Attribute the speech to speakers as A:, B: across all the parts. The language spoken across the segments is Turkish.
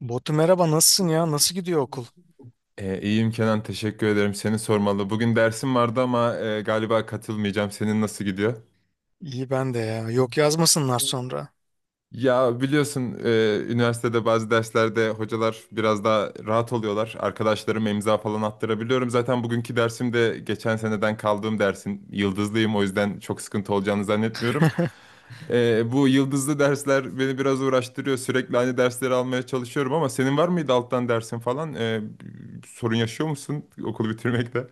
A: Botu merhaba nasılsın ya? Nasıl gidiyor okul? İyi ben de ya. Yok yazmasınlar sonra.
B: Zannetmiyorum. Bu yıldızlı dersler beni biraz uğraştırıyor. Sürekli aynı dersleri almaya çalışıyorum ama senin var mıydı alttan dersin falan? Sorun yaşıyor musun okulu bitirmekte?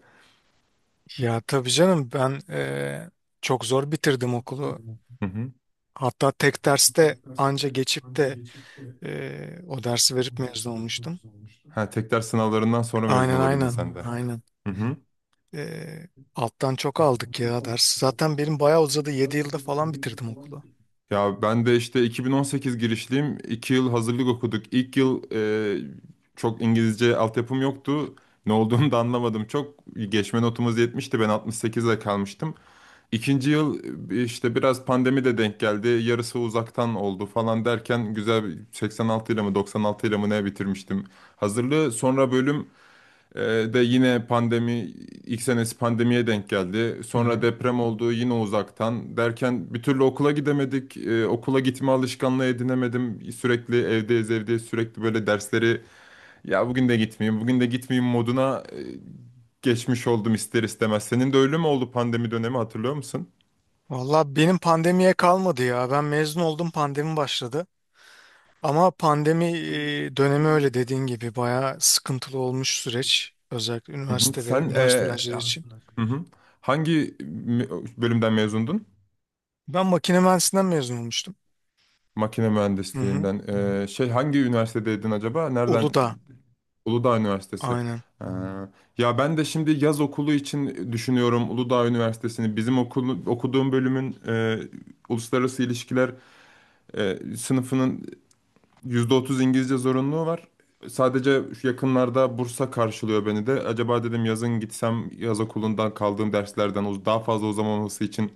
A: Ya tabii canım ben çok zor bitirdim okulu.
B: Hı hı.
A: Hatta tek derste anca geçip de o dersi verip mezun olmuştum.
B: Ha, tek ders sınavlarından sonra mezun
A: Aynen,
B: olabildin
A: aynen,
B: sen de.
A: aynen.
B: Hı hı.
A: Eee, alttan çok aldık ya ders. Zaten benim bayağı uzadı, 7 yılda falan bitirdim okulu.
B: Ya ben de işte 2018 girişliyim. 2 yıl hazırlık okuduk. İlk yıl çok İngilizce altyapım yoktu. Ne olduğunu da anlamadım. Çok geçme notumuz 70'ti. Ben 68'de kalmıştım. İkinci yıl işte biraz pandemi de denk geldi. Yarısı uzaktan oldu falan derken güzel bir 86 ile mi 96 ile mi ne bitirmiştim hazırlığı. Sonra bölüm de yine pandemi ilk senesi pandemiye denk geldi.
A: Hı
B: Sonra
A: hı.
B: deprem oldu yine uzaktan derken bir türlü okula gidemedik. Okula gitme alışkanlığı edinemedim. Sürekli evdeyiz evdeyiz sürekli böyle dersleri ya bugün de gitmeyeyim bugün de gitmeyeyim moduna geçmiş oldum ister istemez. Senin de öyle mi oldu pandemi dönemi hatırlıyor musun?
A: Valla benim pandemiye kalmadı ya. Ben mezun oldum, pandemi başladı. Ama pandemi dönemi öyle dediğin gibi bayağı sıkıntılı olmuş süreç. Özellikle
B: Hı hı.
A: üniversite ve
B: Sen,
A: üniversite öğrencileri için.
B: hı hı, hangi bölümden mezundun?
A: Ben makine mühendisinden mezun olmuştum.
B: Makine
A: Hı hı.
B: mühendisliğinden. Şey, hangi üniversitedeydin acaba? Nereden?
A: Uludağ.
B: Uludağ Üniversitesi.
A: Aynen.
B: Aynen. Ya ben de şimdi yaz okulu için düşünüyorum Uludağ Üniversitesi'ni. Okuduğum bölümün uluslararası ilişkiler sınıfının %30 İngilizce zorunluluğu var. Sadece şu yakınlarda Bursa karşılıyor beni de. Acaba dedim yazın gitsem yaz okulundan kaldığım derslerden daha fazla uzamaması için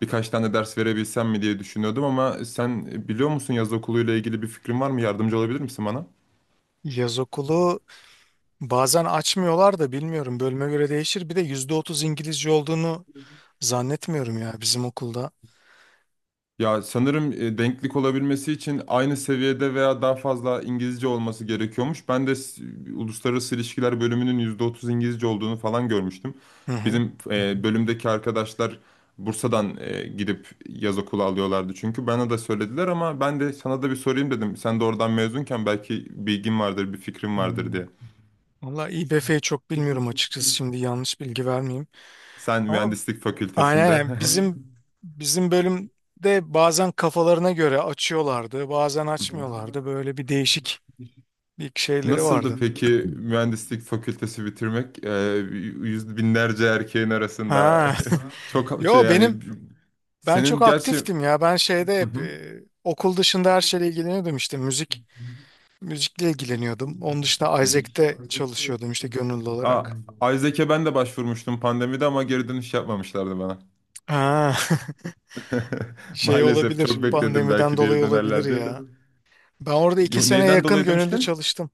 B: birkaç tane ders verebilsem mi diye düşünüyordum ama sen biliyor musun yaz okuluyla ilgili bir fikrin var mı? Yardımcı olabilir misin bana?
A: Yaz okulu bazen açmıyorlar da, bilmiyorum, bölüme göre değişir. Bir de %30 İngilizce olduğunu zannetmiyorum ya bizim okulda.
B: Ya sanırım denklik olabilmesi için aynı seviyede veya daha fazla İngilizce olması gerekiyormuş. Uluslararası ilişkiler bölümünün %30 İngilizce olduğunu falan görmüştüm.
A: Hı hı.
B: Bizim bölümdeki arkadaşlar Bursa'dan gidip yaz okulu alıyorlardı çünkü bana da söylediler ama ben de sana da bir sorayım dedim. Sen de oradan mezunken belki bilgin vardır, bir fikrin vardır
A: Hmm.
B: diye.
A: Valla İBF'yi çok bilmiyorum açıkçası, şimdi yanlış bilgi vermeyeyim.
B: Sen
A: Ama
B: mühendislik
A: aynen,
B: fakültesinde.
A: aynen. Bizim bölümde bazen kafalarına göre açıyorlardı, bazen
B: Hı hı.
A: açmıyorlardı. Böyle bir değişik bir şeyleri
B: Nasıldı
A: vardı.
B: peki mühendislik fakültesi bitirmek? Yüz binlerce erkeğin arasında
A: Ha.
B: çok şey
A: Yo,
B: yani
A: ben çok
B: senin gerçi.
A: aktiftim ya. Ben şeyde
B: Hı
A: hep
B: hı.
A: okul dışında her şeyle ilgileniyordum, işte müzikle
B: Hı
A: ilgileniyordum. Onun dışında Isaac'te
B: hı.
A: çalışıyordum, işte gönüllü
B: Aa,
A: olarak.
B: Isaac'e ben de başvurmuştum pandemide ama geri dönüş yapmamışlardı bana.
A: Ha. Şey
B: Maalesef
A: olabilir.
B: çok bekledim
A: Pandemiden
B: belki geri
A: dolayı olabilir
B: dönerler diye de.
A: ya. Ben orada iki
B: Yo,
A: sene
B: neyden
A: yakın
B: dolayı
A: gönüllü
B: demiştin?
A: çalıştım.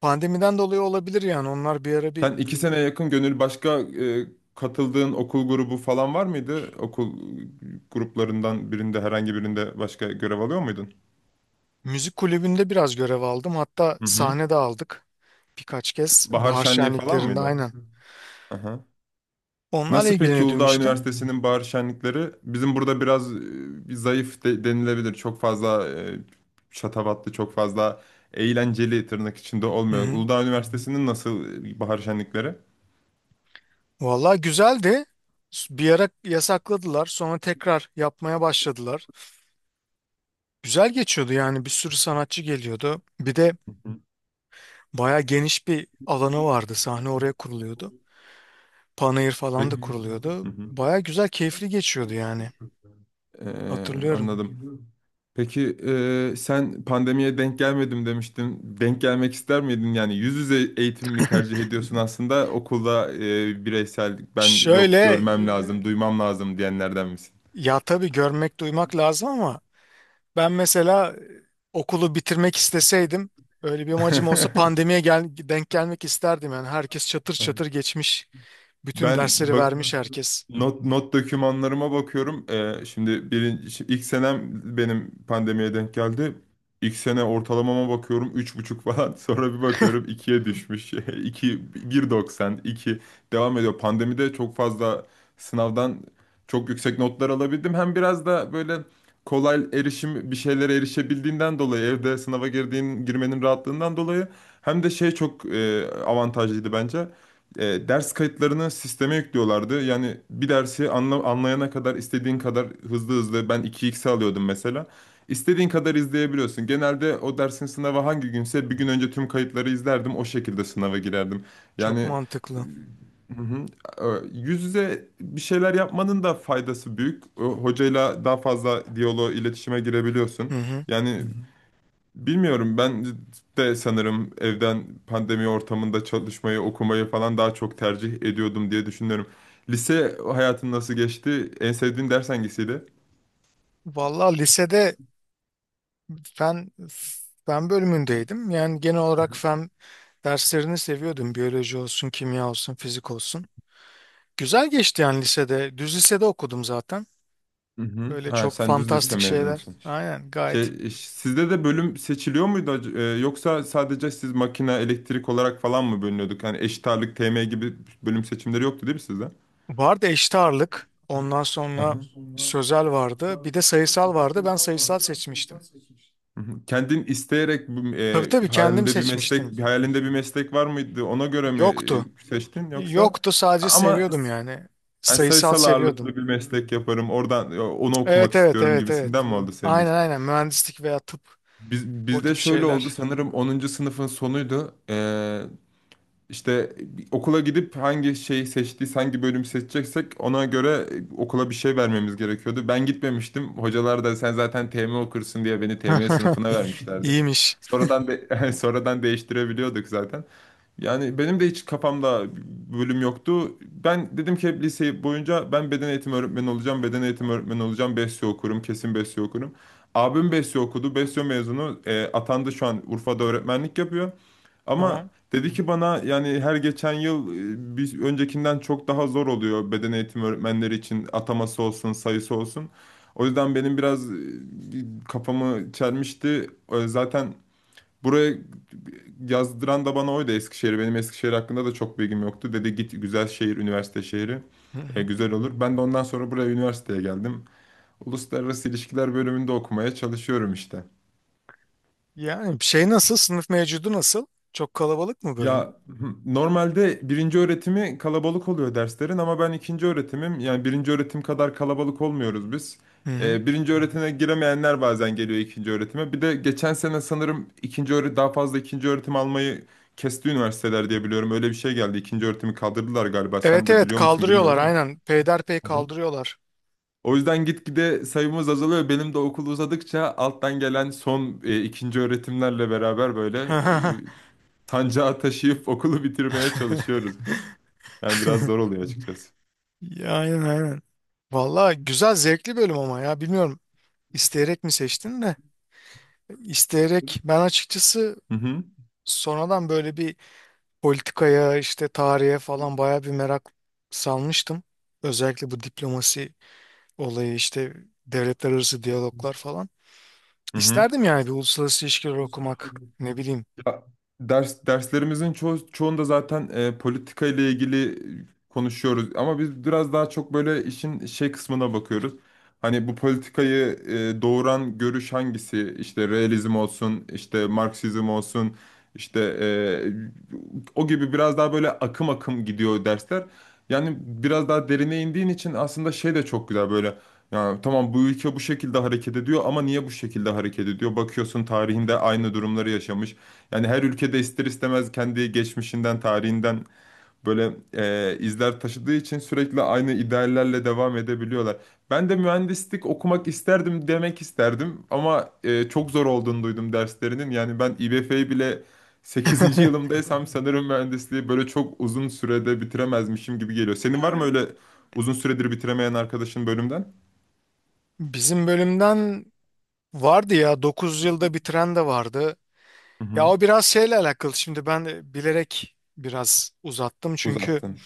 A: Pandemiden dolayı olabilir yani. Onlar bir ara bir
B: Sen 2 sene yakın Gönül, başka katıldığın okul grubu falan var mıydı? Okul gruplarından birinde herhangi birinde başka görev alıyor muydun?
A: müzik kulübünde biraz görev aldım. Hatta
B: Hı hı.
A: sahne de aldık birkaç kez.
B: Bahar
A: Bahar
B: şenliği falan
A: şenliklerinde,
B: mıydı?
A: aynen.
B: Aha.
A: Onlarla
B: Nasıl peki
A: ilgileniyordum
B: Uludağ
A: işte.
B: Üniversitesi'nin bahar şenlikleri? Bizim burada biraz bir zayıf denilebilir. Çok fazla şatafatlı, çok fazla eğlenceli tırnak içinde
A: Hı
B: olmuyor.
A: hı.
B: Uludağ Üniversitesi'nin nasıl bahar şenlikleri?
A: Vallahi güzeldi. Bir ara yasakladılar, sonra tekrar yapmaya başladılar. Güzel geçiyordu yani. Bir sürü sanatçı geliyordu. Bir de
B: Hı hı.
A: baya geniş bir alanı vardı, sahne oraya kuruluyordu. Panayır falan da
B: Peki. Hı
A: kuruluyordu.
B: hı.
A: Baya güzel, keyifli geçiyordu yani. Hatırlıyorum.
B: Anladım. Peki sen pandemiye denk gelmedim demiştin. Denk gelmek ister miydin? Yani yüz yüze eğitim mi tercih ediyorsun aslında okulda bireysel ben yok
A: Şöyle,
B: görmem lazım, duymam lazım diyenlerden misin?
A: ya tabii görmek, duymak lazım ama ben mesela okulu bitirmek isteseydim, öyle bir amacım olsa, pandemiye denk gelmek isterdim. Yani herkes çatır çatır geçmiş. Bütün
B: Ben
A: dersleri
B: bak,
A: vermiş herkes.
B: not dokümanlarıma bakıyorum. Şimdi ilk senem benim pandemiye denk geldi. İlk sene ortalamama bakıyorum üç buçuk falan. Sonra bir bakıyorum ikiye düşmüş. iki bir doksan iki devam ediyor. Pandemide çok fazla sınavdan çok yüksek notlar alabildim. Hem biraz da böyle kolay erişim bir şeylere erişebildiğinden dolayı evde sınava girdiğin girmenin rahatlığından dolayı hem de şey çok avantajlıydı bence. Ders kayıtlarını sisteme yüklüyorlardı. Yani bir dersi anlayana kadar istediğin kadar hızlı hızlı ben 2x alıyordum mesela. İstediğin kadar izleyebiliyorsun. Genelde o dersin sınavı hangi günse bir gün önce tüm kayıtları izlerdim. O şekilde sınava girerdim.
A: Çok
B: Yani.
A: mantıklı.
B: Hı hı. Yüz yüze bir şeyler yapmanın da faydası büyük. O hocayla daha fazla diyaloğa, iletişime girebiliyorsun.
A: Hı hı.
B: Yani bilmiyorum ben de sanırım evden pandemi ortamında çalışmayı, okumayı falan daha çok tercih ediyordum diye düşünüyorum. Lise hayatın nasıl geçti? En sevdiğin ders hangisiydi?
A: Vallahi lisede fen fen bölümündeydim. Yani genel olarak fen derslerini seviyordum. Biyoloji olsun, kimya olsun, fizik olsun. Güzel geçti yani lisede. Düz lisede okudum zaten.
B: Hı hı.
A: Böyle
B: Ha,
A: çok
B: sen düz lise
A: fantastik şeyler.
B: mezunusun.
A: Aynen, gayet.
B: Şey, sizde de bölüm seçiliyor muydu yoksa sadece siz makine, elektrik olarak falan mı bölünüyorduk? Yani eşit ağırlık, TM gibi bölüm seçimleri yoktu değil mi sizde?
A: Vardı eşit ağırlık. Ondan
B: Hı
A: sonra
B: hı.
A: sözel vardı. Bir de sayısal vardı. Ben sayısal seçmiştim.
B: Hı hı. Kendin isteyerek
A: Tabii, tabii, kendim
B: hayalinde bir
A: seçmiştim.
B: meslek, hayalinde bir meslek var mıydı? Ona göre mi
A: Yoktu.
B: seçtin yoksa?
A: Yoktu, sadece
B: Ama
A: seviyordum yani.
B: yani
A: Sayısal
B: sayısal
A: seviyordum.
B: ağırlıklı bir meslek yaparım. Oradan onu okumak
A: Evet, evet,
B: istiyorum
A: evet, evet.
B: gibisinden mi oldu senin
A: Aynen,
B: için?
A: aynen, mühendislik veya tıp, o
B: Bizde
A: tip
B: şöyle oldu
A: şeyler.
B: sanırım 10. sınıfın sonuydu. İşte okula gidip hangi şeyi seçtiysek, hangi bölüm seçeceksek ona göre okula bir şey vermemiz gerekiyordu. Ben gitmemiştim. Hocalar da sen zaten TM okursun diye beni TM sınıfına vermişlerdi.
A: İyiymiş.
B: Sonradan değiştirebiliyorduk zaten. Yani benim de hiç kafamda bölüm yoktu. Ben dedim ki hep lise boyunca ben beden eğitimi öğretmeni olacağım, beden eğitimi öğretmeni olacağım, besyo okurum, kesin besyo okurum. Abim besyo okudu, besyo mezunu, atandı şu an Urfa'da öğretmenlik yapıyor. Ama
A: Tamam.
B: dedi ki bana yani her geçen yıl bir öncekinden çok daha zor oluyor beden eğitimi öğretmenleri için ataması olsun, sayısı olsun. O yüzden benim biraz kafamı çelmişti. Zaten buraya yazdıran da bana oydu, Eskişehir. Benim Eskişehir hakkında da çok bilgim yoktu. Dedi git güzel şehir, üniversite şehri.
A: Hı hı.
B: Güzel olur. Ben de ondan sonra buraya üniversiteye geldim. Uluslararası İlişkiler bölümünde okumaya çalışıyorum işte.
A: Yani şey nasıl? Sınıf mevcudu nasıl? Çok kalabalık mı bölüm?
B: Ya hı, normalde birinci öğretimi kalabalık oluyor derslerin ama ben ikinci öğretimim. Yani birinci öğretim kadar kalabalık olmuyoruz biz.
A: Hı hı.
B: Birinci öğretime giremeyenler bazen geliyor ikinci öğretime. Bir de geçen sene sanırım ikinci öğret daha fazla ikinci öğretim almayı kesti üniversiteler diye biliyorum. Öyle bir şey geldi. İkinci öğretimi kaldırdılar galiba. Sen
A: Evet,
B: de
A: evet,
B: biliyor musun? Evet,
A: kaldırıyorlar
B: bilmiyorum, evet.
A: aynen.
B: Ama.
A: Peyderpey
B: Hı hı.
A: kaldırıyorlar.
B: O yüzden gitgide sayımız azalıyor. Benim de okul uzadıkça alttan gelen son ikinci öğretimlerle beraber böyle sancağı taşıyıp okulu bitirmeye çalışıyoruz. Yani biraz zor oluyor açıkçası.
A: Ya, aynen, aynen. Valla güzel, zevkli bölüm ama ya bilmiyorum, isteyerek mi seçtin de isteyerek? Ben açıkçası
B: Hı hı.
A: sonradan böyle bir politikaya, işte tarihe falan baya bir merak salmıştım. Özellikle bu diplomasi olayı, işte devletler arası diyaloglar falan.
B: Hı hı.
A: İsterdim yani bir uluslararası ilişkiler okumak, ne bileyim.
B: Ya, derslerimizin çoğunda zaten politika ile ilgili konuşuyoruz ama biz biraz daha çok böyle işin şey kısmına bakıyoruz. Hani bu politikayı doğuran görüş hangisi? İşte realizm olsun, işte Marksizm olsun, işte o gibi biraz daha böyle akım akım gidiyor dersler. Yani biraz daha derine indiğin için aslında şey de çok güzel böyle. Ya tamam bu ülke bu şekilde hareket ediyor ama niye bu şekilde hareket ediyor? Bakıyorsun tarihinde aynı durumları yaşamış. Yani her ülkede ister istemez kendi geçmişinden, tarihinden böyle izler taşıdığı için sürekli aynı ideallerle devam edebiliyorlar. Ben de mühendislik okumak isterdim demek isterdim ama çok zor olduğunu duydum derslerinin. Yani ben İBF'yi bile sekizinci yılımdaysam sanırım mühendisliği böyle çok uzun sürede bitiremezmişim gibi geliyor. Senin var mı öyle uzun süredir bitiremeyen arkadaşın bölümden?
A: Bizim bölümden vardı ya, 9 yılda bitiren de vardı.
B: Hı
A: Ya
B: hı.
A: o biraz şeyle alakalı. Şimdi ben de bilerek biraz uzattım çünkü
B: Uzattın.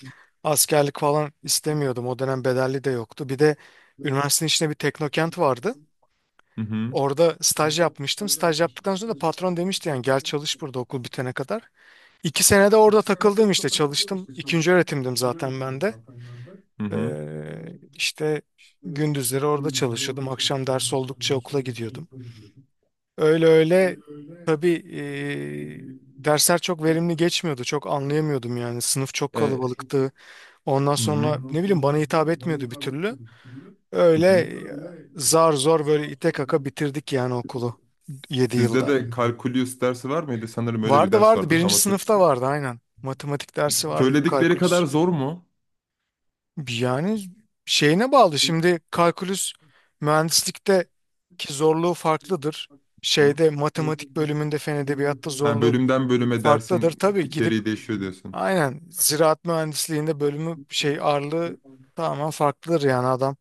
A: askerlik falan istemiyordum. O dönem bedelli de yoktu. Bir de üniversitenin içinde bir teknokent vardı.
B: Hı hı.
A: Orada staj yapmıştım. Staj yaptıktan sonra da patron demişti yani, gel çalış burada okul bitene kadar. 2 sene de orada takıldım işte, çalıştım. İkinci öğretimdim zaten ben de.
B: Hı hı.
A: İşte gündüzleri orada çalışıyordum. Akşam ders oldukça okula gidiyordum. Öyle öyle, tabii dersler çok verimli geçmiyordu. Çok anlayamıyordum yani. Sınıf çok
B: E,
A: kalabalıktı. Ondan
B: Hı hı.
A: sonra ne bileyim, bana hitap etmiyordu bir türlü.
B: Hı
A: Öyle,
B: hı.
A: e, zar zor böyle ite kaka bitirdik yani okulu, 7
B: Sizde
A: yılda.
B: de kalkulüs dersi var mıydı? Sanırım öyle bir
A: Vardı
B: ders
A: vardı
B: vardı tam
A: birinci
B: hatır.
A: sınıfta vardı aynen. Matematik dersi vardı,
B: Söyledikleri kadar
A: kalkülüs.
B: zor mu?
A: Yani şeyine bağlı şimdi, kalkülüs mühendislikte ki zorluğu farklıdır.
B: Hı?
A: Şeyde, matematik bölümünde, fen edebiyatta
B: Ha,
A: zorluğu
B: bölümden bölüme
A: farklıdır.
B: dersin
A: Tabii gidip
B: içeriği değişiyor diyorsun.
A: aynen, ziraat mühendisliğinde bölümü şey ağırlığı tamamen farklıdır yani. Adam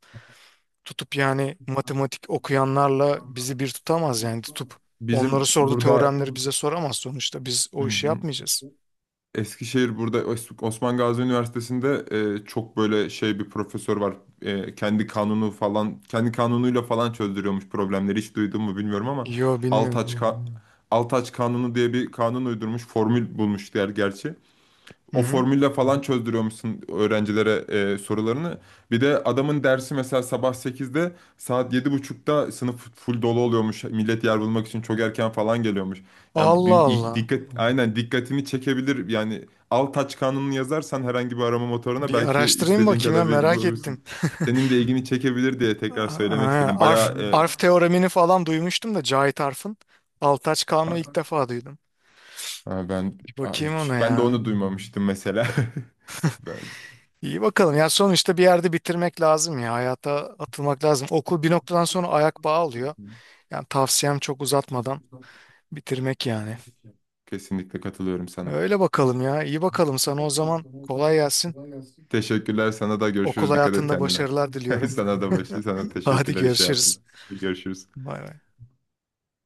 A: tutup yani matematik okuyanlarla bizi bir tutamaz yani, tutup onları
B: Bizim
A: sordu
B: burada başka
A: teoremleri bize
B: tabii.
A: soramaz, sonuçta biz
B: Hı
A: o işi
B: hı.
A: yapmayacağız.
B: Eskişehir burada Osman Gazi Üniversitesi'nde çok böyle şey bir profesör var. Kendi kanunu falan kendi kanunuyla falan çözdürüyormuş problemleri. Hiç duydun mu bilmiyorum ama
A: Yo, bilmiyorum.
B: Altaç ka Altaç Kanunu diye bir kanun uydurmuş. Formül bulmuş diğer gerçi.
A: Hı
B: O
A: hı.
B: formülle falan çözdürüyormuşsun öğrencilere sorularını. Bir de adamın dersi mesela sabah 8'de saat 7.30'da sınıf full dolu oluyormuş. Millet yer bulmak için çok erken falan geliyormuş. Yani
A: Allah
B: ilk
A: Allah.
B: dikkat aynen dikkatini çekebilir. Yani al taç kanununu yazarsan herhangi bir arama motoruna
A: Bir
B: belki
A: araştırayım
B: istediğin
A: bakayım ya,
B: kadar bilgi
A: merak ettim.
B: bulabilirsin. Senin de ilgini çekebilir diye tekrar söylemek
A: Aa,
B: istedim.
A: Arf,
B: Bayağı,
A: Arf teoremini falan duymuştum da, Cahit Arf'ın. Altaç Kanunu ilk
B: ha-
A: defa duydum.
B: ha, ben,
A: Bir
B: ha,
A: bakayım
B: hiç
A: ona
B: ben de
A: ya.
B: onu duymamıştım mesela. Ben
A: İyi bakalım. Ya sonuçta bir yerde bitirmek lazım ya. Hayata atılmak lazım. Okul bir noktadan sonra ayak bağı alıyor. Yani tavsiyem çok uzatmadan bitirmek yani.
B: kesinlikle katılıyorum sana.
A: Öyle bakalım ya. İyi bakalım sana o zaman. Kolay gelsin.
B: Teşekkürler sana da,
A: Okul
B: görüşürüz. Dikkat et
A: hayatında
B: kendine.
A: başarılar diliyorum.
B: Sana da sana
A: Hadi
B: teşekkürler, iş
A: görüşürüz.
B: hayatında. Görüşürüz.
A: Bay bay.